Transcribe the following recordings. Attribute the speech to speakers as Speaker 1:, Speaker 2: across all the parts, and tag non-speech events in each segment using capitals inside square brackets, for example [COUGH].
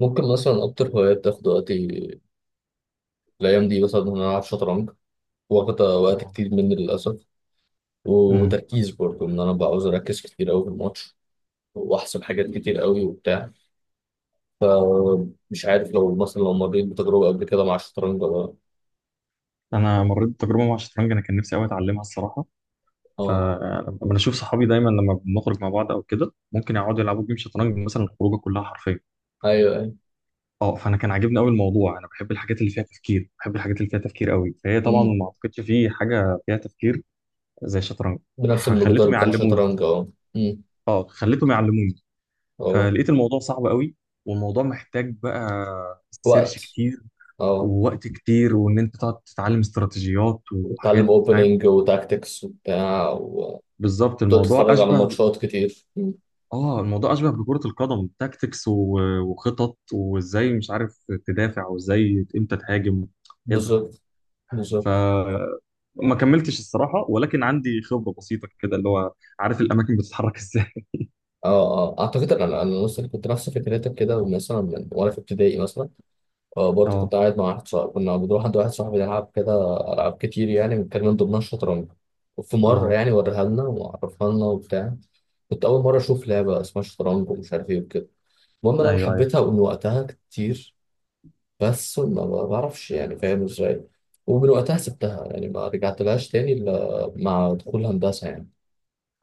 Speaker 1: ممكن مثلا أكتر هواية بتاخد وقتي الأيام دي مثلا إن أنا ألعب شطرنج. واخدة وقت
Speaker 2: اه.
Speaker 1: كتير مني للأسف،
Speaker 2: امم
Speaker 1: وتركيز برضه، إن أنا بعوز أركز كتير أوي في الماتش وأحسب حاجات كتير أوي وبتاع. فمش عارف لو مثلا لو مريت بتجربة قبل كده مع الشطرنج ولا.
Speaker 2: انا مريت بتجربه مع الشطرنج، انا كان نفسي قوي اتعلمها الصراحه.
Speaker 1: آه.
Speaker 2: فلما بشوف صحابي، دايما لما بنخرج مع بعض او كده ممكن يقعدوا يلعبوا جيم شطرنج، مثلا الخروجه كلها حرفيا.
Speaker 1: أيوه أيوه.
Speaker 2: اه، فانا كان عاجبني قوي الموضوع، انا بحب الحاجات اللي فيها تفكير، بحب الحاجات اللي فيها تفكير قوي. فهي طبعا
Speaker 1: أمم.
Speaker 2: ما اعتقدش في حاجه فيها تفكير زي الشطرنج.
Speaker 1: بنفس المقدار
Speaker 2: خليتهم
Speaker 1: بتاع
Speaker 2: يعلموني.
Speaker 1: الشطرنج أه. أمم.
Speaker 2: اه، خليتهم يعلموني،
Speaker 1: أه.
Speaker 2: فلقيت الموضوع صعب قوي. والموضوع محتاج بقى سيرش
Speaker 1: وقت.
Speaker 2: كتير
Speaker 1: أه.
Speaker 2: ووقت كتير، وان انت تقعد تتعلم استراتيجيات
Speaker 1: وتتعلم
Speaker 2: وحاجات، فاهم؟
Speaker 1: أوبننج وتاكتكس وبتاع وتقعد
Speaker 2: بالظبط، الموضوع
Speaker 1: تتفرج على
Speaker 2: اشبه.
Speaker 1: ماتشات كتير. أمم.
Speaker 2: اه، الموضوع اشبه بكرة القدم، تاكتكس و- وخطط، وازاي مش عارف تدافع، وازاي امتى تهاجم كده.
Speaker 1: بالظبط.
Speaker 2: ف
Speaker 1: بالظبط.
Speaker 2: ما كملتش الصراحة، ولكن عندي خبرة بسيطة كده، اللي هو عارف الاماكن بتتحرك ازاي.
Speaker 1: اه اه، اعتقد ان انا نفس كنت نفس فكرتك كده، ومثلا من وانا في ابتدائي مثلا، آه
Speaker 2: [LAUGHS]
Speaker 1: برضه،
Speaker 2: اه،
Speaker 1: كنت قاعد مع واحد صاحبي، كنا بنروح عند واحد صاحبي نلعب كده العاب كتير، يعني كان من ضمنها الشطرنج. وفي مره
Speaker 2: اه،
Speaker 1: يعني وريها لنا وعرفها لنا وبتاع. كنت اول مره اشوف لعبه اسمها شطرنج ومش عارف ايه وكده. المهم إن انا
Speaker 2: ايوه، ايوه،
Speaker 1: حبيتها من وقتها كتير، بس ما بعرفش يعني فاهم ازاي. ومن وقتها سبتها يعني ما رجعتلهاش تاني الا مع دخول هندسه يعني.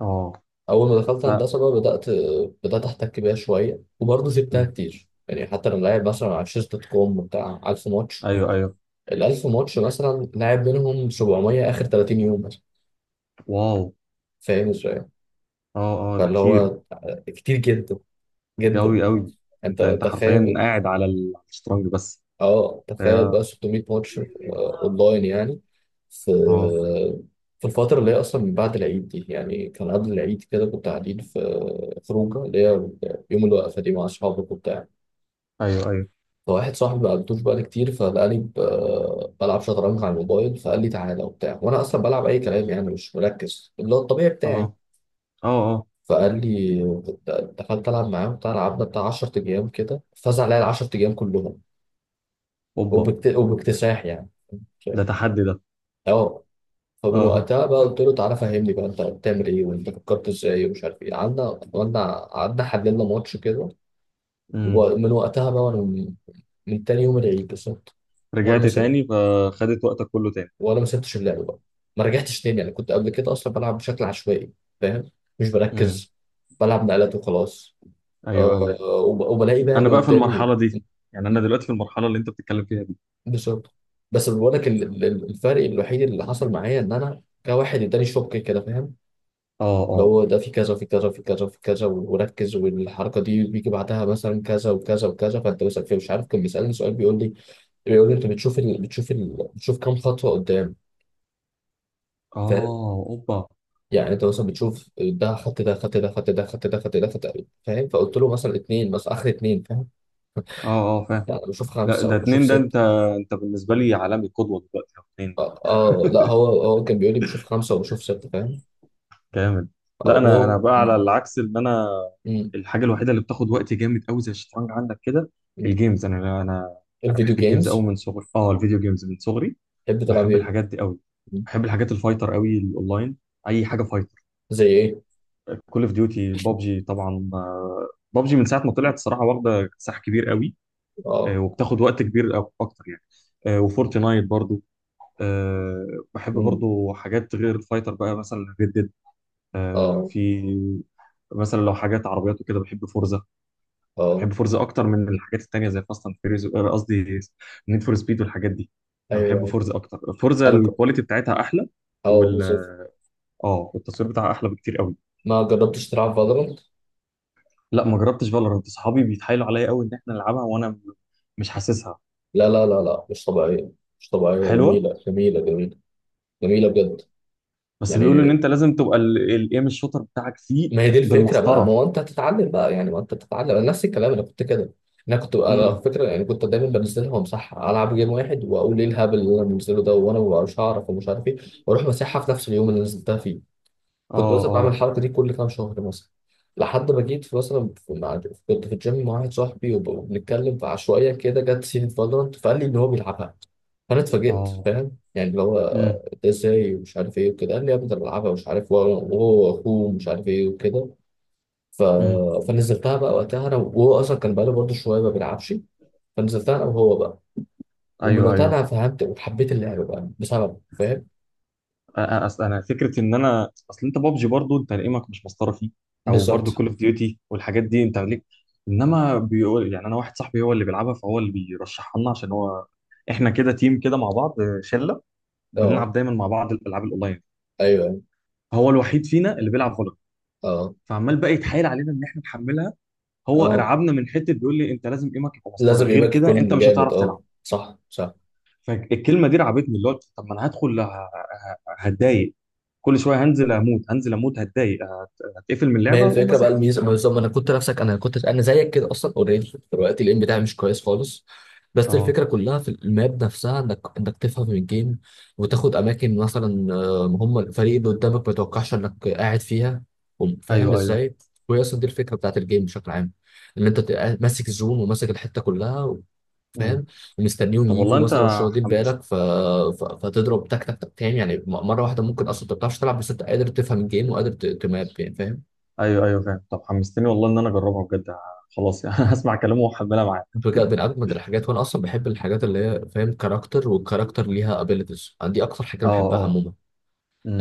Speaker 2: اه،
Speaker 1: اول ما دخلت
Speaker 2: لا.
Speaker 1: هندسه بقى بدات، احتك بيها شويه، وبرضه سبتها
Speaker 2: مم.
Speaker 1: كتير يعني، حتى لما لعب مثلا على شيز دوت كوم بتاع 1000 ماتش.
Speaker 2: ايوه، ايوه،
Speaker 1: ال 1000 ماتش مثلا لعب منهم 700 اخر 30 يوم مثلا.
Speaker 2: واو،
Speaker 1: فاهم ازاي؟
Speaker 2: اه، اه، ده
Speaker 1: فاللي
Speaker 2: كتير،
Speaker 1: هو كتير جدا جدا.
Speaker 2: قوي قوي.
Speaker 1: انت
Speaker 2: انت حرفيا
Speaker 1: تخيل.
Speaker 2: قاعد على على الشطرنج بس.
Speaker 1: اه تخيل
Speaker 2: هي-
Speaker 1: بقى 600 ماتش آه، اونلاين يعني. في
Speaker 2: اه،
Speaker 1: الفترة اللي هي أصلا من بعد العيد دي، يعني كان قبل العيد كده كنت قاعدين في خروجة، اللي هي يوم الوقفة دي، مع أصحابك وبتاع.
Speaker 2: ايوه، ايوه،
Speaker 1: فواحد صاحبي ما قابلتوش بقالي كتير، فلقاني بلعب شطرنج على الموبايل. فقال لي تعالى وبتاع، وانا اصلا بلعب اي كلام يعني، مش مركز، اللي هو الطبيعي
Speaker 2: اه،
Speaker 1: بتاعي.
Speaker 2: اه، اه،
Speaker 1: فقال لي دخلت العب معاه وبتاع، لعبنا بتاع 10 ايام كده، فاز عليا ال 10 ايام كلهم،
Speaker 2: اوبا،
Speaker 1: وباكتساح يعني.
Speaker 2: ده
Speaker 1: فاهم؟
Speaker 2: تحدي ده،
Speaker 1: اه. فمن
Speaker 2: اه،
Speaker 1: وقتها بقى، قلت له تعالى فهمني بقى، انت بتعمل ايه وانت فكرت ازاي ومش عارف ايه، قعدنا قعدنا قعدنا حللنا ماتش كده.
Speaker 2: امم.
Speaker 1: ومن وقتها بقى، وانا من من تاني يوم العيد بالظبط، وانا ما
Speaker 2: رجعت تاني فخدت وقتك كله تاني.
Speaker 1: وانا ما سبتش اللعب بقى، ما رجعتش تاني يعني. كنت قبل كده اصلا بلعب بشكل عشوائي فاهم، مش
Speaker 2: امم،
Speaker 1: بركز، بلعب نقلات وخلاص.
Speaker 2: ايوه،
Speaker 1: آه،
Speaker 2: ايوه،
Speaker 1: وبلاقي بقى
Speaker 2: انا
Speaker 1: اللي
Speaker 2: بقى في
Speaker 1: قدامي.
Speaker 2: المرحله دي، يعني انا دلوقتي في المرحله اللي انت بتتكلم فيها دي.
Speaker 1: بالظبط. بس بقول لك الفرق الوحيد اللي حصل معايا، ان انا كواحد اداني شوك كده فاهم،
Speaker 2: اه،
Speaker 1: اللي
Speaker 2: اه،
Speaker 1: هو ده في كذا وفي كذا وفي كذا وفي كذا، وركز والحركه دي بيجي بعدها مثلا كذا وكذا وكذا. فانت مثلا فيه مش عارف، كان بيسالني سؤال بيقول لي، انت بتشوف كام خطوه قدام؟
Speaker 2: اه، اوبا، اه،
Speaker 1: يعني انت مثلا بتشوف ده خط ده خط ده خط ده خط ده خط ده خط ده فاهم. فقلت له مثلا اتنين، مثلا اخر اتنين فاهم،
Speaker 2: اه، فاهم.
Speaker 1: يعني بشوف
Speaker 2: لا،
Speaker 1: خمسه
Speaker 2: ده
Speaker 1: وبشوف
Speaker 2: اتنين ده.
Speaker 1: سته.
Speaker 2: انت بالنسبه لي عالمي، قدوه دلوقتي اتنين.
Speaker 1: اه آه. لا هو كان بيقول لي بشوف خمسه وبشوف سته فاهم.
Speaker 2: جامد.
Speaker 1: اه
Speaker 2: لا، انا
Speaker 1: وهو
Speaker 2: بقى على العكس، ان انا
Speaker 1: م-
Speaker 2: الحاجه الوحيده اللي بتاخد وقت جامد قوي زي الشطرنج عندك كده،
Speaker 1: م.
Speaker 2: الجيمز. انا
Speaker 1: الفيديو
Speaker 2: بحب الجيمز قوي
Speaker 1: جيمز.
Speaker 2: من صغري، اه الفيديو جيمز من صغري.
Speaker 1: تحب تلعب
Speaker 2: بحب
Speaker 1: ايه؟
Speaker 2: الحاجات دي قوي،
Speaker 1: م.
Speaker 2: بحب الحاجات الفايتر قوي، الاونلاين، اي حاجه فايتر.
Speaker 1: زي ايه؟
Speaker 2: كول اوف ديوتي، بابجي طبعا. آه، بابجي من ساعه ما طلعت الصراحه واخده ساح كبير قوي.
Speaker 1: اه.
Speaker 2: آه، وبتاخد وقت كبير، اكتر يعني. آه، وفورتنايت برضو. آه، بحب
Speaker 1: م.
Speaker 2: برضو حاجات غير الفايتر بقى، مثلا ريد ديد.
Speaker 1: اه
Speaker 2: في مثلا لو حاجات عربيات وكده بحب فورزا.
Speaker 1: اه.
Speaker 2: بحب فورزا اكتر من الحاجات التانية، زي فاست اند فيريز، قصدي نيد فور سبيد والحاجات دي. انا بحب
Speaker 1: ايوه.
Speaker 2: فورزا اكتر، فورزا
Speaker 1: انا ك-
Speaker 2: الكواليتي بتاعتها احلى.
Speaker 1: اه
Speaker 2: وال
Speaker 1: بالظبط.
Speaker 2: اه التصوير بتاعها احلى بكتير قوي.
Speaker 1: ما جربتش تلعب فالورانت؟
Speaker 2: لا، ما جربتش فالورانت، صحابي بيتحايلوا عليا قوي ان احنا نلعبها، مش حاسسها.
Speaker 1: لا لا لا لا مش طبيعيه، مش طبيعيه،
Speaker 2: حلوه.
Speaker 1: جميله جميله جميله، جميله بجد
Speaker 2: بس بيقولوا ان
Speaker 1: يعني.
Speaker 2: انت لازم تبقى الايم الشوتر بتاعك فيه
Speaker 1: ما هي دي الفكره بقى، ما
Speaker 2: بالمسطره.
Speaker 1: هو انت هتتعلم بقى يعني، ما انت بتتعلم، انا نفس الكلام، انا كنت كده، انا على
Speaker 2: امم،
Speaker 1: فكره يعني كنت دايما بنزلها وامسحها، العب جيم واحد واقول ايه الهبل اللي انا بنزله ده، وانا ما ببقاش اعرف ومش عارف ايه، واروح مسحها في نفس اليوم اللي نزلتها فيه.
Speaker 2: اه،
Speaker 1: كنت مثلا بعمل
Speaker 2: اه،
Speaker 1: الحركه دي كل كام شهر مثلا. لحد ما جيت في مثلا، كنت في الجيم مع واحد صاحبي، وبنتكلم، فعشوائيا كده جت سيره فالورانت، فقال لي ان هو بيلعبها. فانا اتفاجئت
Speaker 2: اه،
Speaker 1: فاهم يعني اللي هو
Speaker 2: امم،
Speaker 1: ده ازاي ومش عارف ايه وكده. قال لي يا ابني ده أنا بلعبها ومش عارف، وهو واخوه ومش عارف ايه وكده. ف...
Speaker 2: امم،
Speaker 1: فنزلتها بقى وقتها، انا وهو اصلا كان بقاله برضه شويه ما بيلعبش، فنزلتها انا وهو بقى. ومن
Speaker 2: ايوه،
Speaker 1: وقتها
Speaker 2: ايوه.
Speaker 1: انا فهمت وحبيت اللعبه بقى بسبب فاهم.
Speaker 2: اصل انا فكره ان انا، اصل انت بابجي برضو انت ايمك مش مسطره فيه، او برضو
Speaker 1: بالظبط.
Speaker 2: كول اوف ديوتي والحاجات دي انت ليك. انما بيقول، يعني انا واحد صاحبي هو اللي بيلعبها، فهو اللي بيرشحها لنا، عشان هو احنا كده تيم كده مع بعض، شله،
Speaker 1: اه
Speaker 2: بنلعب دايما مع بعض الالعاب الاونلاين.
Speaker 1: ايوه
Speaker 2: هو الوحيد فينا اللي بيلعب فالورانت،
Speaker 1: اه
Speaker 2: فعمال بقى يتحايل علينا ان احنا نحملها. هو
Speaker 1: اه.
Speaker 2: رعبنا من حته، بيقول لي انت لازم ايمك يبقى مسطره،
Speaker 1: لازم
Speaker 2: غير
Speaker 1: يبقى
Speaker 2: كده انت
Speaker 1: يكون
Speaker 2: مش
Speaker 1: جامد.
Speaker 2: هتعرف تلعب.
Speaker 1: اه صح صح.
Speaker 2: فالكلمه دي رعبتني، اللي هو طب ما انا هدخل، هتضايق، كل شويه هنزل اموت، هنزل اموت، هتضايق، هتقفل من
Speaker 1: ما هي
Speaker 2: اللعبه واقوم
Speaker 1: الفكره بقى
Speaker 2: ماسحها.
Speaker 1: الميزه بالظبط، ما انا كنت نفسك، انا كنت انا زيك كده اصلا اوريدي. دلوقتي الام بتاعي مش كويس خالص، بس
Speaker 2: اه،
Speaker 1: الفكره كلها في الماب نفسها، انك تفهم الجيم، وتاخد اماكن مثلا آه، هم الفريق اللي قدامك ما يتوقعش انك قاعد فيها، فاهم
Speaker 2: ايوه، ايوه،
Speaker 1: ازاي. وهي اصلا دي الفكره بتاعت الجيم بشكل عام، ان انت تبقى ماسك الزون وماسك الحته كلها
Speaker 2: امم،
Speaker 1: فاهم، ومستنيهم
Speaker 2: طب والله
Speaker 1: يجوا
Speaker 2: انت
Speaker 1: مثلا مش واخدين
Speaker 2: حمست.
Speaker 1: بالك ف... فتضرب تك تك تك تاني يعني، مره واحده ممكن اصلا انت ما بتعرفش تلعب، بس انت قادر تفهم الجيم وقادر تماب يعني فاهم.
Speaker 2: ايوه، ايوه، فاهم، طب حمستني والله ان انا اجربها بجد، خلاص يعني. [LAUGHS] هسمع كلامه واحملها معايا.
Speaker 1: بجد من اجمد الحاجات، وانا اصلا بحب الحاجات اللي هي فاهم، كاركتر والكاركتر ليها ابيليتيز، دي اكتر حاجه
Speaker 2: اه،
Speaker 1: انا بحبها
Speaker 2: اه،
Speaker 1: عموما،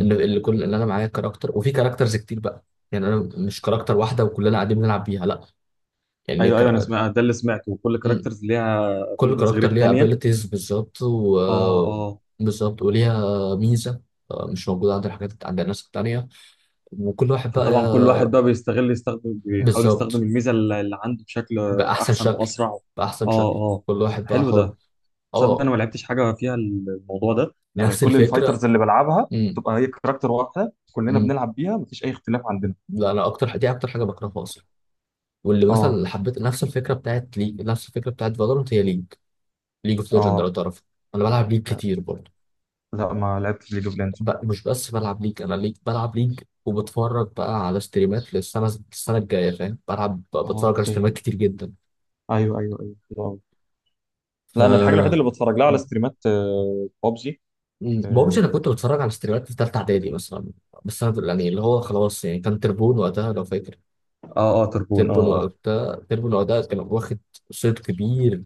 Speaker 1: ان اللي كل ان انا معايا كاركتر وفي كاركترز كتير بقى، يعني انا مش كاركتر واحده وكلنا قاعدين بنلعب بيها لا، يعني
Speaker 2: ايوه، ايوه، انا
Speaker 1: كر...
Speaker 2: سمعت ده اللي سمعته، وكل
Speaker 1: م-
Speaker 2: كاركترز ليها
Speaker 1: كل
Speaker 2: ابيلبلز غير
Speaker 1: كاركتر ليها
Speaker 2: التانيه.
Speaker 1: ابيليتيز بالظبط و...
Speaker 2: اه، اه،
Speaker 1: بالظبط وليها ميزه آه، مش موجوده عند الحاجات عند الناس التانيه. وكل واحد بقى
Speaker 2: فطبعا كل واحد
Speaker 1: آه،
Speaker 2: بقى بيستغل، يستخدم، بيحاول يستخدم
Speaker 1: بالظبط،
Speaker 2: الميزه اللي عنده بشكل
Speaker 1: باحسن
Speaker 2: احسن
Speaker 1: شكل،
Speaker 2: واسرع. اه،
Speaker 1: باحسن شكل،
Speaker 2: اه،
Speaker 1: كل واحد بقى
Speaker 2: حلو
Speaker 1: حر.
Speaker 2: ده. تصدق انا
Speaker 1: اه.
Speaker 2: ما لعبتش حاجه فيها الموضوع ده، يعني
Speaker 1: نفس
Speaker 2: كل
Speaker 1: الفكره.
Speaker 2: الفايترز اللي بلعبها
Speaker 1: م-
Speaker 2: بتبقى هي كاركتر واحده كلنا
Speaker 1: م.
Speaker 2: بنلعب بيها، مفيش اي اختلاف عندنا.
Speaker 1: لا، انا اكتر، دي اكتر حاجه بكرهها اصلا، واللي مثلا
Speaker 2: اه،
Speaker 1: اللي حبيت نفس الفكره بتاعت ليج، نفس الفكره بتاعت فالورنت هي ليج، ليج اوف ليجند لو
Speaker 2: اه،
Speaker 1: تعرفها. انا بلعب ليج
Speaker 2: آه،
Speaker 1: كتير برضه.
Speaker 2: لا ما لعبتش ليج اوف ليجندز.
Speaker 1: ب... مش بس بلعب ليج، انا ليج بلعب ليج، وبتفرج بقى على ستريمات للسنه، الجايه فاهم بلعب،
Speaker 2: اه،
Speaker 1: بتفرج على ستريمات
Speaker 2: اوكي،
Speaker 1: كتير جدا.
Speaker 2: ايوه، ايوه، ايوه، حلو أوي. لا انا الحاجه الوحيده
Speaker 1: ف.
Speaker 2: اللي بتفرج لها على ستريمات بابجي.
Speaker 1: بابجي انا كنت
Speaker 2: اه،
Speaker 1: بتفرج على ستريمات في ثالثه اعدادي مثلا، بس انا يعني اللي هو خلاص يعني، كان تربون وقتها لو فاكر.
Speaker 2: اه، آه، تربون، اه، اه،
Speaker 1: تربون وقتها كان واخد صيت كبير،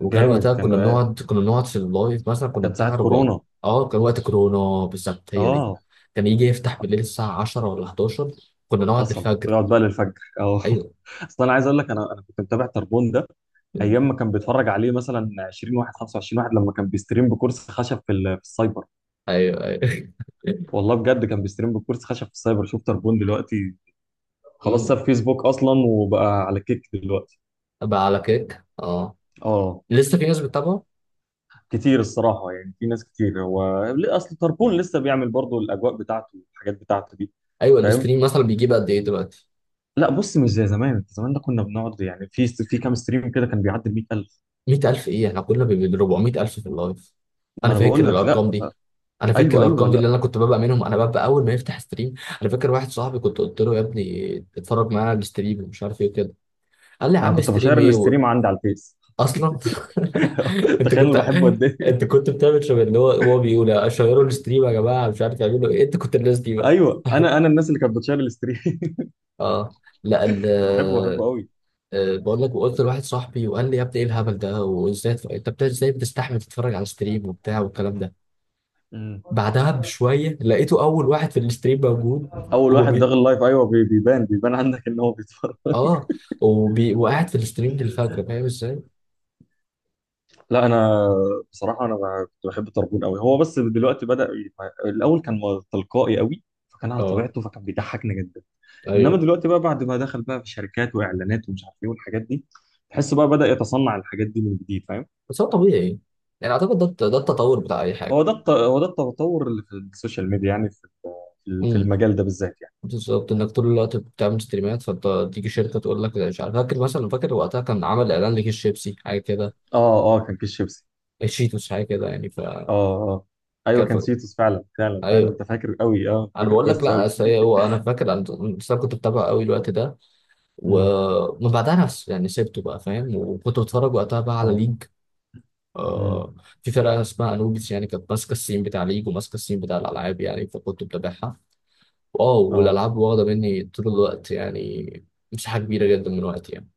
Speaker 1: وكان
Speaker 2: جامد
Speaker 1: وقتها
Speaker 2: كان. آه،
Speaker 1: كنا بنقعد في اللايف، مثلا كنا
Speaker 2: كان
Speaker 1: بتاع
Speaker 2: ساعه
Speaker 1: 400.
Speaker 2: كورونا.
Speaker 1: اه كان وقت كورونا بالظبط هي دي،
Speaker 2: اه،
Speaker 1: كان يجي يفتح بالليل الساعة 10 ولا 11، كنا نقعد
Speaker 2: حصل
Speaker 1: الفجر.
Speaker 2: يقعد بقى للفجر، اه.
Speaker 1: ايوه.
Speaker 2: [LAUGHS] اصل انا عايز اقول لك، انا كنت متابع تربون ده
Speaker 1: مم.
Speaker 2: ايام ما كان بيتفرج عليه مثلا 20 واحد 25 واحد، لما كان بيستريم بكرسي خشب في في السايبر.
Speaker 1: ايوه ايوه.
Speaker 2: والله بجد كان بيستريم بكرسي خشب في السايبر، شوف تربون دلوقتي،
Speaker 1: [LAUGHS]
Speaker 2: خلاص
Speaker 1: مم.
Speaker 2: ساب فيسبوك اصلا وبقى على كيك دلوقتي.
Speaker 1: بقى على كيك اه.
Speaker 2: اه،
Speaker 1: لسه في ناس بتتابعه.
Speaker 2: كتير الصراحه، يعني في ناس كتير. هو اصل تربون لسه بيعمل برضه الاجواء بتاعته والحاجات بتاعته دي،
Speaker 1: ايوه
Speaker 2: فاهم.
Speaker 1: الاستريم مثلا بيجيب قد ايه دلوقتي؟
Speaker 2: لا بص، مش زي زمان. زمان ده كنا بنقعد يعني في كام ستريم كده كان بيعدي ال 100000.
Speaker 1: 100,000 ايه، احنا كنا ب 400,000 في اللايف،
Speaker 2: ما
Speaker 1: انا
Speaker 2: انا بقول
Speaker 1: فاكر
Speaker 2: لك. لا،
Speaker 1: الارقام دي،
Speaker 2: ايوه، ايوه، لا
Speaker 1: اللي انا كنت ببقى منهم، انا ببقى اول ما يفتح ستريم. انا فاكر واحد صاحبي كنت قلت له يا ابني اتفرج معايا على الستريم ومش عارف ايه وكده، قال لي يا
Speaker 2: انا
Speaker 1: عم
Speaker 2: كنت بشير
Speaker 1: ستريم ايه و...
Speaker 2: الاستريم عندي على الفيس.
Speaker 1: اصلا. [LAUGHS]
Speaker 2: [LAUGHS]
Speaker 1: انت
Speaker 2: تخيل انا
Speaker 1: كنت
Speaker 2: بحبه قد إيه.
Speaker 1: انت كنت بتعمل شبه اللي هو، هو بيقول اشيروا الستريم يا جماعه مش عارف يعملوا ايه، انت كنت الناس دي بقى.
Speaker 2: ايوه،
Speaker 1: [LAUGHS]
Speaker 2: انا الناس اللي كانت بتشير الستريم. [LAUGHS]
Speaker 1: اه. لا ال.
Speaker 2: كنت بحبه، بحبه قوي.
Speaker 1: آه، بقول لك، وقلت لواحد صاحبي وقال لي يا ابني ايه الهبل ده، وازاي انت ازاي بتستحمل تتفرج على ستريم وبتاع والكلام ده.
Speaker 2: مم.
Speaker 1: بعدها بشويه لقيته اول واحد في الستريم موجود،
Speaker 2: اول واحد
Speaker 1: وبي...
Speaker 2: داخل اللايف، ايوه، بيبان، بيبان عندك ان هو بيتفرج.
Speaker 1: اه وبي... وقاعد في الستريم للفجر فاهم ازاي؟
Speaker 2: [LAUGHS] لا انا بصراحه، كنت بحب طربون قوي هو، بس دلوقتي بدا الاول كان تلقائي قوي، فكان على
Speaker 1: اه
Speaker 2: طبيعته، فكان بيضحكنا جدا. انما
Speaker 1: ايوه.
Speaker 2: دلوقتي بقى بعد ما دخل بقى في شركات واعلانات ومش عارف ايه والحاجات دي، تحس بقى بدا يتصنع الحاجات دي من جديد، فاهم.
Speaker 1: بس هو طبيعي يعني، اعتقد ده ده التطور بتاع اي حاجه.
Speaker 2: هو ده التطور اللي في السوشيال ميديا، يعني في في
Speaker 1: امم.
Speaker 2: المجال ده بالذات يعني.
Speaker 1: بالظبط، انك طول الوقت بتعمل ستريمات فتيجي شركه تقول لك مش عارف، فاكر مثلا، وقتها كان عمل اعلان لكيس شيبسي حاجه كده،
Speaker 2: اه، اه، كان كيس شيبسي.
Speaker 1: الشيتوس حاجه كده يعني فكان.
Speaker 2: اه، اه، ايوه كان سيتوس، فعلا فعلا فعلا،
Speaker 1: ايوه.
Speaker 2: انت فاكر قوي، اه،
Speaker 1: انا
Speaker 2: فاكر
Speaker 1: بقول لك
Speaker 2: كويس
Speaker 1: لا،
Speaker 2: قوي.
Speaker 1: أصل هو انا فاكر، انا بس أنا كنت بتابعه قوي الوقت ده،
Speaker 2: امم،
Speaker 1: ومن بعدها نفس يعني سبته بقى فاهم، وكنت بتفرج وقتها بقى على
Speaker 2: اه،
Speaker 1: ليج.
Speaker 2: امم،
Speaker 1: آه. في فرقه اسمها انوبيس يعني كانت ماسكه السين بتاع ليج، وماسكه السين بتاع الالعاب يعني، فكنت بتابعها. واو،
Speaker 2: اه.
Speaker 1: والالعاب واخده مني طول الوقت يعني، مساحه كبيره جدا من وقتي يعني.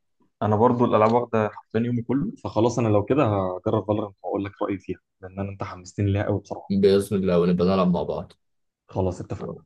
Speaker 2: انا برضو الالعاب واخده حرفيا يومي كله، فخلاص انا لو كده هجرب فالورانت واقول لك رايي فيها، لان انت حمستني ليها قوي بصراحه.
Speaker 1: بإذن الله ونبقى نلعب مع بعض.
Speaker 2: خلاص اتفقنا.